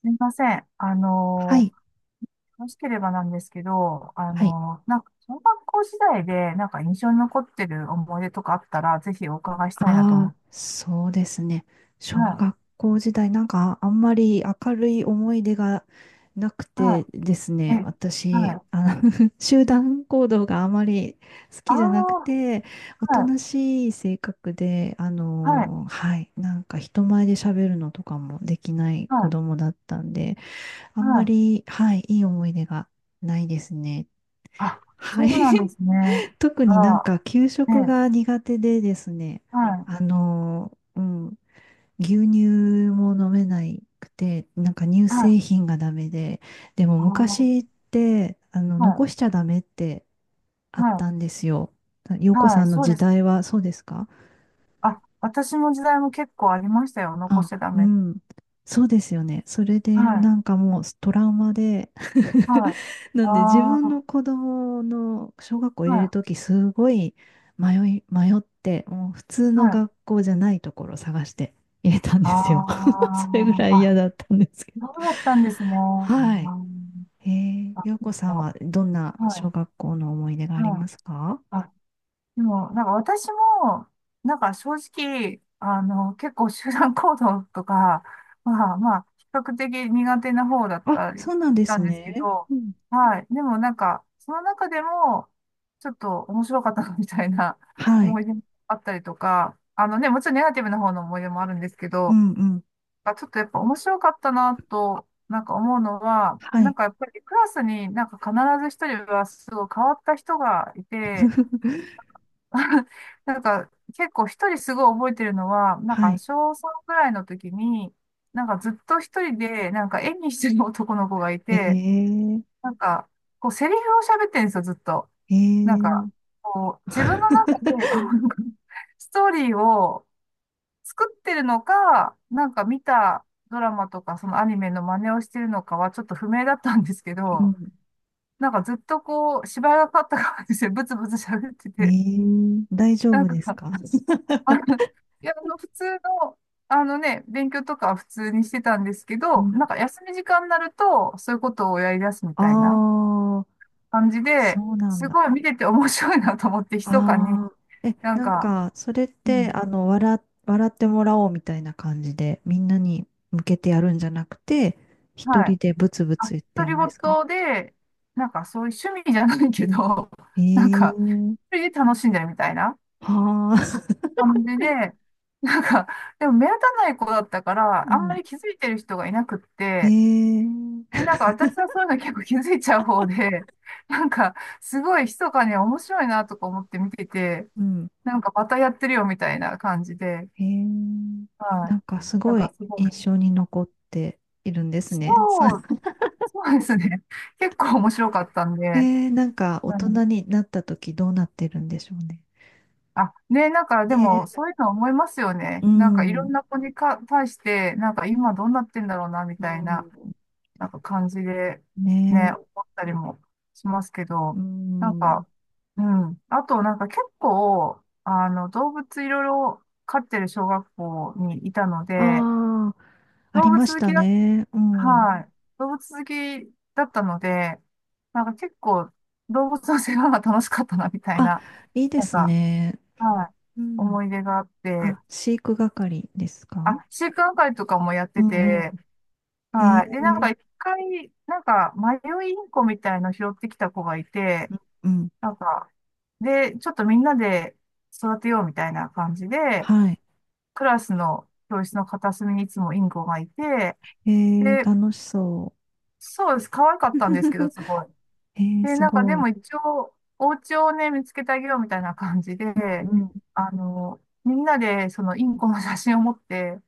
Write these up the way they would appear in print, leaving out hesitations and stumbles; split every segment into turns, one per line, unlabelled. すみません。
はい、
よろしければなんですけど、
はい。
なんか、小学校時代で、なんか印象に残ってる思い出とかあったら、ぜひお伺いしたいなと思
あ
っ
あ、
て。
そうですね。小
は
学校時代、なんかあんまり明るい思い出がなく
い、
て
は
です
い、
ね、
え、は
私、
い。
集団行動があまり好
あ
きじゃなく
あ、
て、おと
はい、
なしい性格で、
はい、
はい、なんか人前で喋るのとかもできない
は
子
い、
供だったんで、あ
は
んま
い。
り、はい、いい思い出がないですね。
あ、
は
そ
い。
うなんですね。
特
あ
になん
ら、
か給食
え、
が苦手でですね、
はい、
うん、牛乳も飲めないくて、なんか乳
はい、
製品がダメで、でも
ああ、は
昔って、残
い、
しちゃダメってあっ
は
たんですよ。洋
い、
子
は
さ
い、
んの
そうで
時
すね。
代はそうですか？
あ、私の時代も結構ありましたよ。残し
あ、
ちゃダ
う
メ。
ん。そうですよね。それで、
はい、
なんかもうトラウマで
は い、
なんで自
あ
分
あ、
の子供の小学校入
は
れる
い、
とき、すごい迷って、もう普通の
はい。
学校じゃないところを探して入れたん
あ
ですよ。
あ、
それぐらい
あ、
嫌だったんですけど。
そうだったんですね。あ
はい。
ーあ、
洋子
う
さんはどんな小
は
学校の思い出が
い、
あり
はい。
ますか？
あ、でも、なんか私も、なんか正直、結構集団行動とか、まあまあ、比較的苦手な方だっ
あ、
たり
そ
し
うなんで
た
す
んですけ
ね。
ど、
うん。
はい。でもなんか、その中でも、ちょっと面白かったなみたいな
はい。
思い出もあったりとか、あのね、もちろんネガティブな方の思い出もあるんですけ
う
ど、
んうん。
あ、ちょっとやっぱ面白かったなと、なんか思うのは、
は
なん
い。
かやっぱりクラスになんか必ず一人はすごい変わった人がいて、なんか結構一人すごい覚えてるのは、なん
は
か小
い。
3ぐらいの時に、なんかずっと一人でなんか演技してる男の子がいて、
ええ
なんかこうセリフを喋ってるんですよ、ずっと。
え
なん
え
かこう自分の中でこう なんかストーリーを作ってるのか、なんか見たドラマとかそのアニメの真似をしてるのかはちょっと不明だったんですけ
う
ど、
ん。
なんかずっとこう、芝居がかかった感じでブツブツ喋って
え
て、
え大丈
なん
夫です
か、
か？
あの、い普通の、あのね、勉強とかは普通にしてたんですけ
う
ど、
ん。
なんか休み時間になると、そういうことをやり出すみたいな
ああ、
感じで、
そうなん
す
だ。
ごい見てて面白いなと思って、密かに、
ああ、え、
なん
なん
か、
か、それっ
う
て、
ん、
笑ってもらおうみたいな感じで、みんなに向けてやるんじゃなくて、一
は
人
い。
でブツブ
あ
ツ言って
独り
るんですか？
言で、なんかそういう趣味じゃないけど、なん
え
か、
え
一人で楽しんでるみたいな
はあ、
感じで、なんか、でも目立たない子だったか ら、
う
あんま
ん。
り気づいてる人がいなくって、
え
で
え
なんか私はそういうの結構気づいちゃう方で、なんか、すごい密かに面白いなとか思って見てて、
うん。
なんかまたやってるよみたいな感じで、
へえ、
は
な
い。
んかす
なん
ご
か
い
すご
印
い。
象に残っているんです
そ
ね。そう、
う、そうですね。結構面白かったんで、
なんか大
うん
人になった時どうなってるんでしょうね。
あ、ね、なんかでも
ね、
そういうの思いますよ
う
ね。なんかいろ
ん、
んな子にか対して、なんか今どうなってんだろうな、み
う
たいな、
ん、
なんか感じで、ね、
ね、
思ったりもしますけ
う
ど、なん
ん。
か、うん。あとなんか結構、動物いろいろ飼ってる小学校にいたので、
ああ、あ
動
り
物
まし
好
た
きだ、
ね。うん。
はい。動物好きだったので、なんか結構動物の世話が楽しかったな、みたい
あ、
な、
いいで
なん
す
か、
ね。
はい。
うん。
思い出があって、
あ、飼育係ですか？
あ、習慣会とかもやっ
う
て
んうん。
て、
え
はい。で、
ー、
なんか一回、なんか迷いインコみたいの拾ってきた子がいて、
うん、うん
なんか、で、ちょっとみんなで育てようみたいな感じで、
はい。
クラスの教室の片隅にいつもインコがいて、
えー、
で、
楽しそう。
そうです。可愛かったんですけど、すごい。
えー、
で、
す
なんかで
ごい。
も一応、お家をね、見つけてあげようみたいな感じ
う
で、
ん
みんなでそのインコの写真を持って、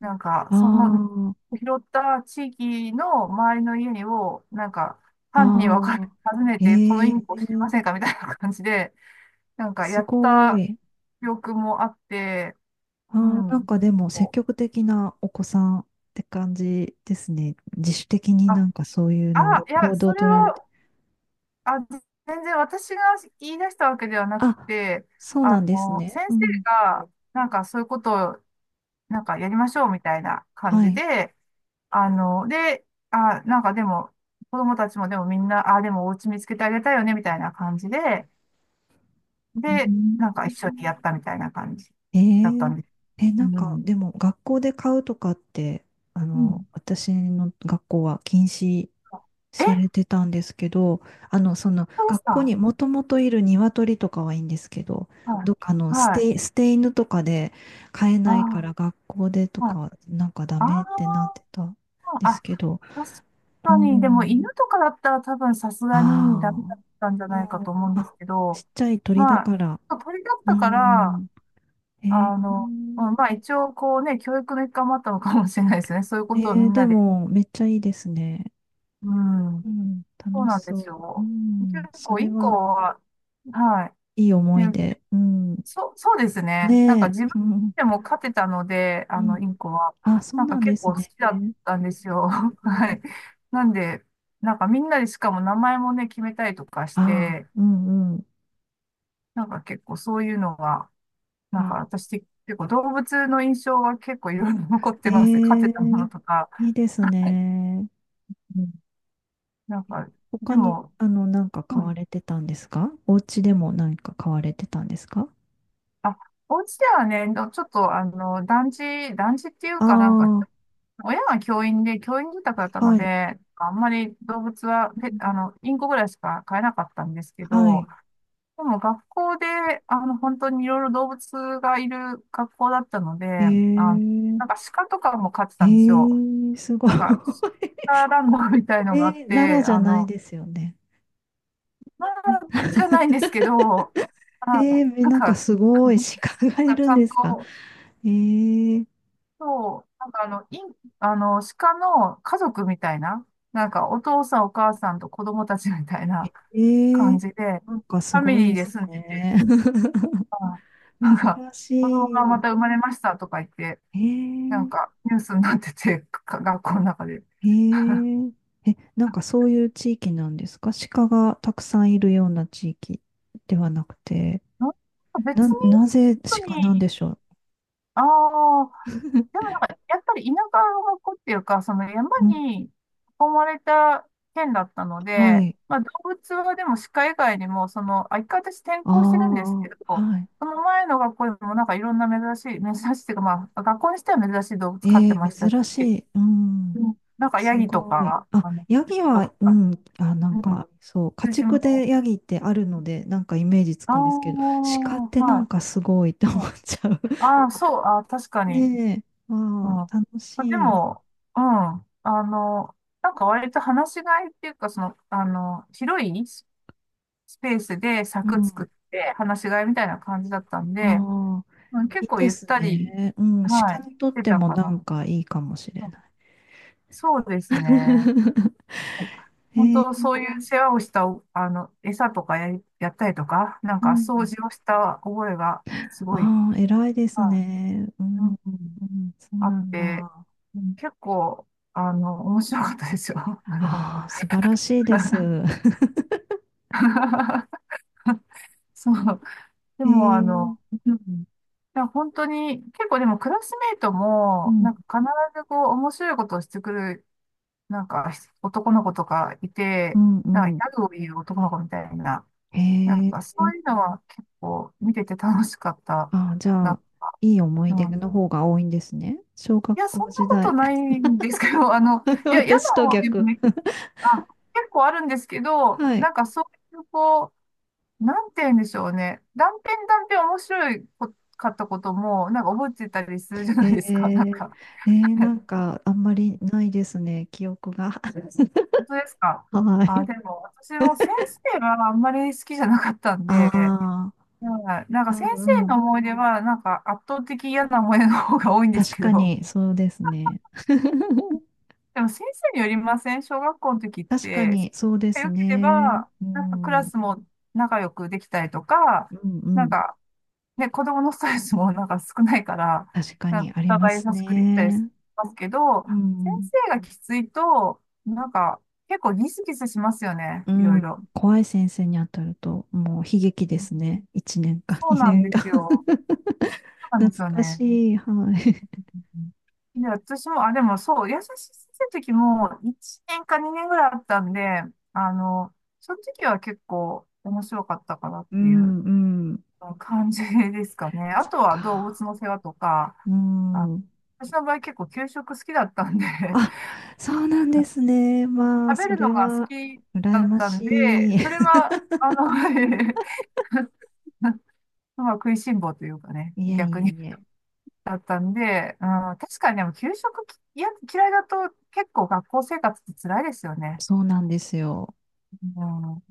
なんか、その、
あ
拾った地域の周りの家を、なんか、
あ、
班にん。分かれ
あ
て
あ、
訪ねて、この
え
イン
え
コ知りませんかみたいな感じで、なんか、
す
やっ
ご
た
い。
記憶もあって、う
ああ、なん
ん。
かでも積
こう、
極的なお子さんって感じですね。自主的にな
あ、
んかそういうの
あ、
を
いや、
行動を
それ
取られて。
は、あ、全然私が言い出したわけではなく
あ、
て、
そうなんですね。
先
う
生
ん。
が、なんか、そういうことを、なんか、やりましょうみたいな感
は
じ
い。
で、で、あ、なんかでも、子供たちもでもみんな、あ、でもお家見つけてあげたいよね、みたいな感じで、
う
で、なんか
ん、
一緒にやったみたいな感じだったんで
え
す。
ええ、なん
う
か
ん。
でも学校で買うとかって、
うん。
私の学校は禁止
え、
されてたんですけど、その
そうです
学校
か？
にもともといる鶏とかはいいんですけど、
は
どっか
い。
の捨
はい。
て、捨て犬とかで飼え
あ
ないから学校でと
あ、はい。
かなんかダ
あ
メってなってたんで
あ、
す
あ、
けど、
確
う
かに、でも
ん、
犬とかだったら多分さす
あ
がにダメだ
あ、
ったんじゃ
う
ないか
ん、
と思うんで
あ、
すけ
ちっ
ど、
ちゃい鳥だ
ま
から、
あ、鳥だっ
う
たから、
ん、えー、
うん、まあ一応こうね、教育の一環もあったのかもしれないですね。そういうことをみん
で
なで。
もめっちゃいいですね。
うん。
うん、
そう
楽し
なんです
そう。う
よ。結
ん、そ
構
れ
一個
は
は、は
いい
い。
思い
ね、
出。うん、
そう、そうですね。なんか
ね
自分
え。うん
でも勝てたので、
う
イン
ん。
コは。
あ、そう
なんか
なんで
結
す
構好
ね。
きだ
う
っ
ん
たんですよ。はい。なんで、なんかみんなでしかも名前もね、決めたりとかし
あ、
て、
うんうん。
なんか結構そういうのが、なんか
あ、
私結構動物の印象は結構いろいろ残っ
へ
てます。勝て
え、
たものとか。
いいですね。
うんなんか、で
他に、
も、
なんか
う
買
ん。
われてたんですかお家でも何か買われてたんですか？
あ、お家ではね、どちょっと、団地、団地っていう
あ
かなんか、
あ
親が教員で、教員住宅だった
ー、
の
はい。
で、あんまり動物は、
う
ペ
ん
あの、インコぐらいしか飼えなかったんですけ
は
ど、
い。
でも学校で、本当にいろいろ動物がいる学校だったので、
え
あの、
ー、
なんか鹿とかも飼って
え
たんですよ。
え、すごい。
なんか、鹿ランドみたい のがあっ
えー、奈良
て、
じゃないですよね。
まあ、じゃないんですけど、あ、
えー、
なん
なんか
か、
すごい鹿
な
がい
んか
る
ち
ん
ゃ
で
ん
すか？
と、
えー、
そう、なんかあの、イン、あの、鹿の家族みたいな、なんかお父さんお母さんと子供たちみたいな
え
感
え
じで、
なんかす
ファミ
ごい
リ
で
ーで
す
住んでて、
ね。
あなん
珍
か、
し
子供がまた生
い。
まれましたとか言って、なん
え
かニュースになってて、か学校の中で。
ええええ、なんかそういう地域なんですか？鹿がたくさんいるような地域ではなくて、
うん
な、
別に、
なぜ
本当
鹿なんで
に、
しょう？
ああ、で もなんか、やっぱり田舎の子っていうか、その山
うん、
に囲まれた県だったの
は
で、
い。
まあ動物はでも鹿以外にも、その、あ、一回私転
あ
校してるんですけ
あ、
ど、
はい。
その前の学校にもなんかいろんな珍しい、珍しいっていうか、まあ学校にしては珍しい動物飼っ
え
て
え
ましたし、
珍しい。う
う
ん。
んなんかヤ
す
ギと
ごい。
か、
あ、ヤギ
羊と
は、
か、
うん、あ、なん
うん、
か、そう、家
羊
畜で
も、
ヤギってあるので、なんかイメージつ
ああ、
くんですけど、鹿ってなん
は
かすごいって
い。
思っちゃう。
ああー、そう、あー、確かに。
ねえ、
う
あ
ん。あ
あ、楽
で
しい。
も、うん。あの、なんか割と話しがいっていうか、その、広いススペースで
う
柵作
ん。
って話しがいみたいな感じだったんで、
ああ、
うん、結
いい
構
で
ゆっ
す
たり、
ね。うん、
は
鹿
い、
にとっ
出
て
た
も
か
な
な。
んかいいかもしれ
うん
ない。
そうですね。
え
本当、そうい
ー、
う世話をした、餌とかやったりとか、なん
う
か掃
ん。
除をした覚えがすごい、
ああ、偉いです
は
ね。う
い、う
ん、
んうん
うん、そう
あっ
なん
て、
だ。
うん結構、面白かったですよ。あの
ああ、素晴らしいです。
そう。で
え
も、
ー、
うん。いや、本当に、結構でもクラスメイト
う
も、
ん。
なんか必ずこう、面白いことをしてくる、なんか男の子とかい
う
て、
ん
なん
うん。
かギャグを言う男の子みたいな、
へ
なん
え。
かそういうのは結構見てて楽しかった
あ、じゃ
な。
あ、いい思
う
い出
ん。
の方が多いんですね。小学
いや、そ
校
んな
時
こと
代。
ないんですけど、いや、嫌
私
な
と
方でも
逆。
ね、あ、結構あるんですけど、
はい。
なんかそういうこう、なんて言うんでしょうね。断片断片面白いこかったことも、なんか覚えてたりするじゃ
へ
ないですか。なん
え。
か、
なんか、あんまりないですね、記憶が。
本当ですか？
は
あ、
い。
でも私も先生があんまり好きじゃなかったん
あ
で、
あ、
はいなん
う
か先
んう
生の
ん。
思い出は、なんか圧倒的嫌な思い出の方が多いんです
確
け
か
ど、
に、そうですね。
でも先生によりません？小学校の時っ
確か
て、先
に、そうで
生が
す
良けれ
ね。
ば、
う
なんかク
ん、
ラ
うん
スも仲良くできたりとか、
う
なん
ん。
かで、子供のストレスもなんか少ないから、
確か
なん
に、
か
あり
お
ま
互い
す
優しくできたりし
ね。
ますけど、
う
先
ん。
生がきついと、なんか結構ギスギスしますよね、
う
いろい
ん、
ろ。
怖い先生に当たると、もう悲劇で
うん
すね。1年か
そうなん
2年
で
か
すよ。そ うなん
懐
ですよ
か
ね。
しい。はい。
うんで、私も、あ、でもそう、優しい先生の時も1年か2年ぐらいあったんで、あの、その時は結構面白かったかなっ
う
ていう。
ん、うん。
感じですかね。あ
そっ
とは動物
か。
の世話とか、
う
あ、
ん。
私の場合結構給食好きだったんで、
あ、そうなん ですね。まあ、
食べ
そ
るの
れ
が好
は、
きだ
羨
っ
ま
たんで、
しい。い
それは、まあ、食いしん坊というかね、
えいえ
逆に
いえ。
だったんで、うん、確かにでも給食きいや嫌いだと結構学校生活って辛いですよね。
そうなんですよ。
うん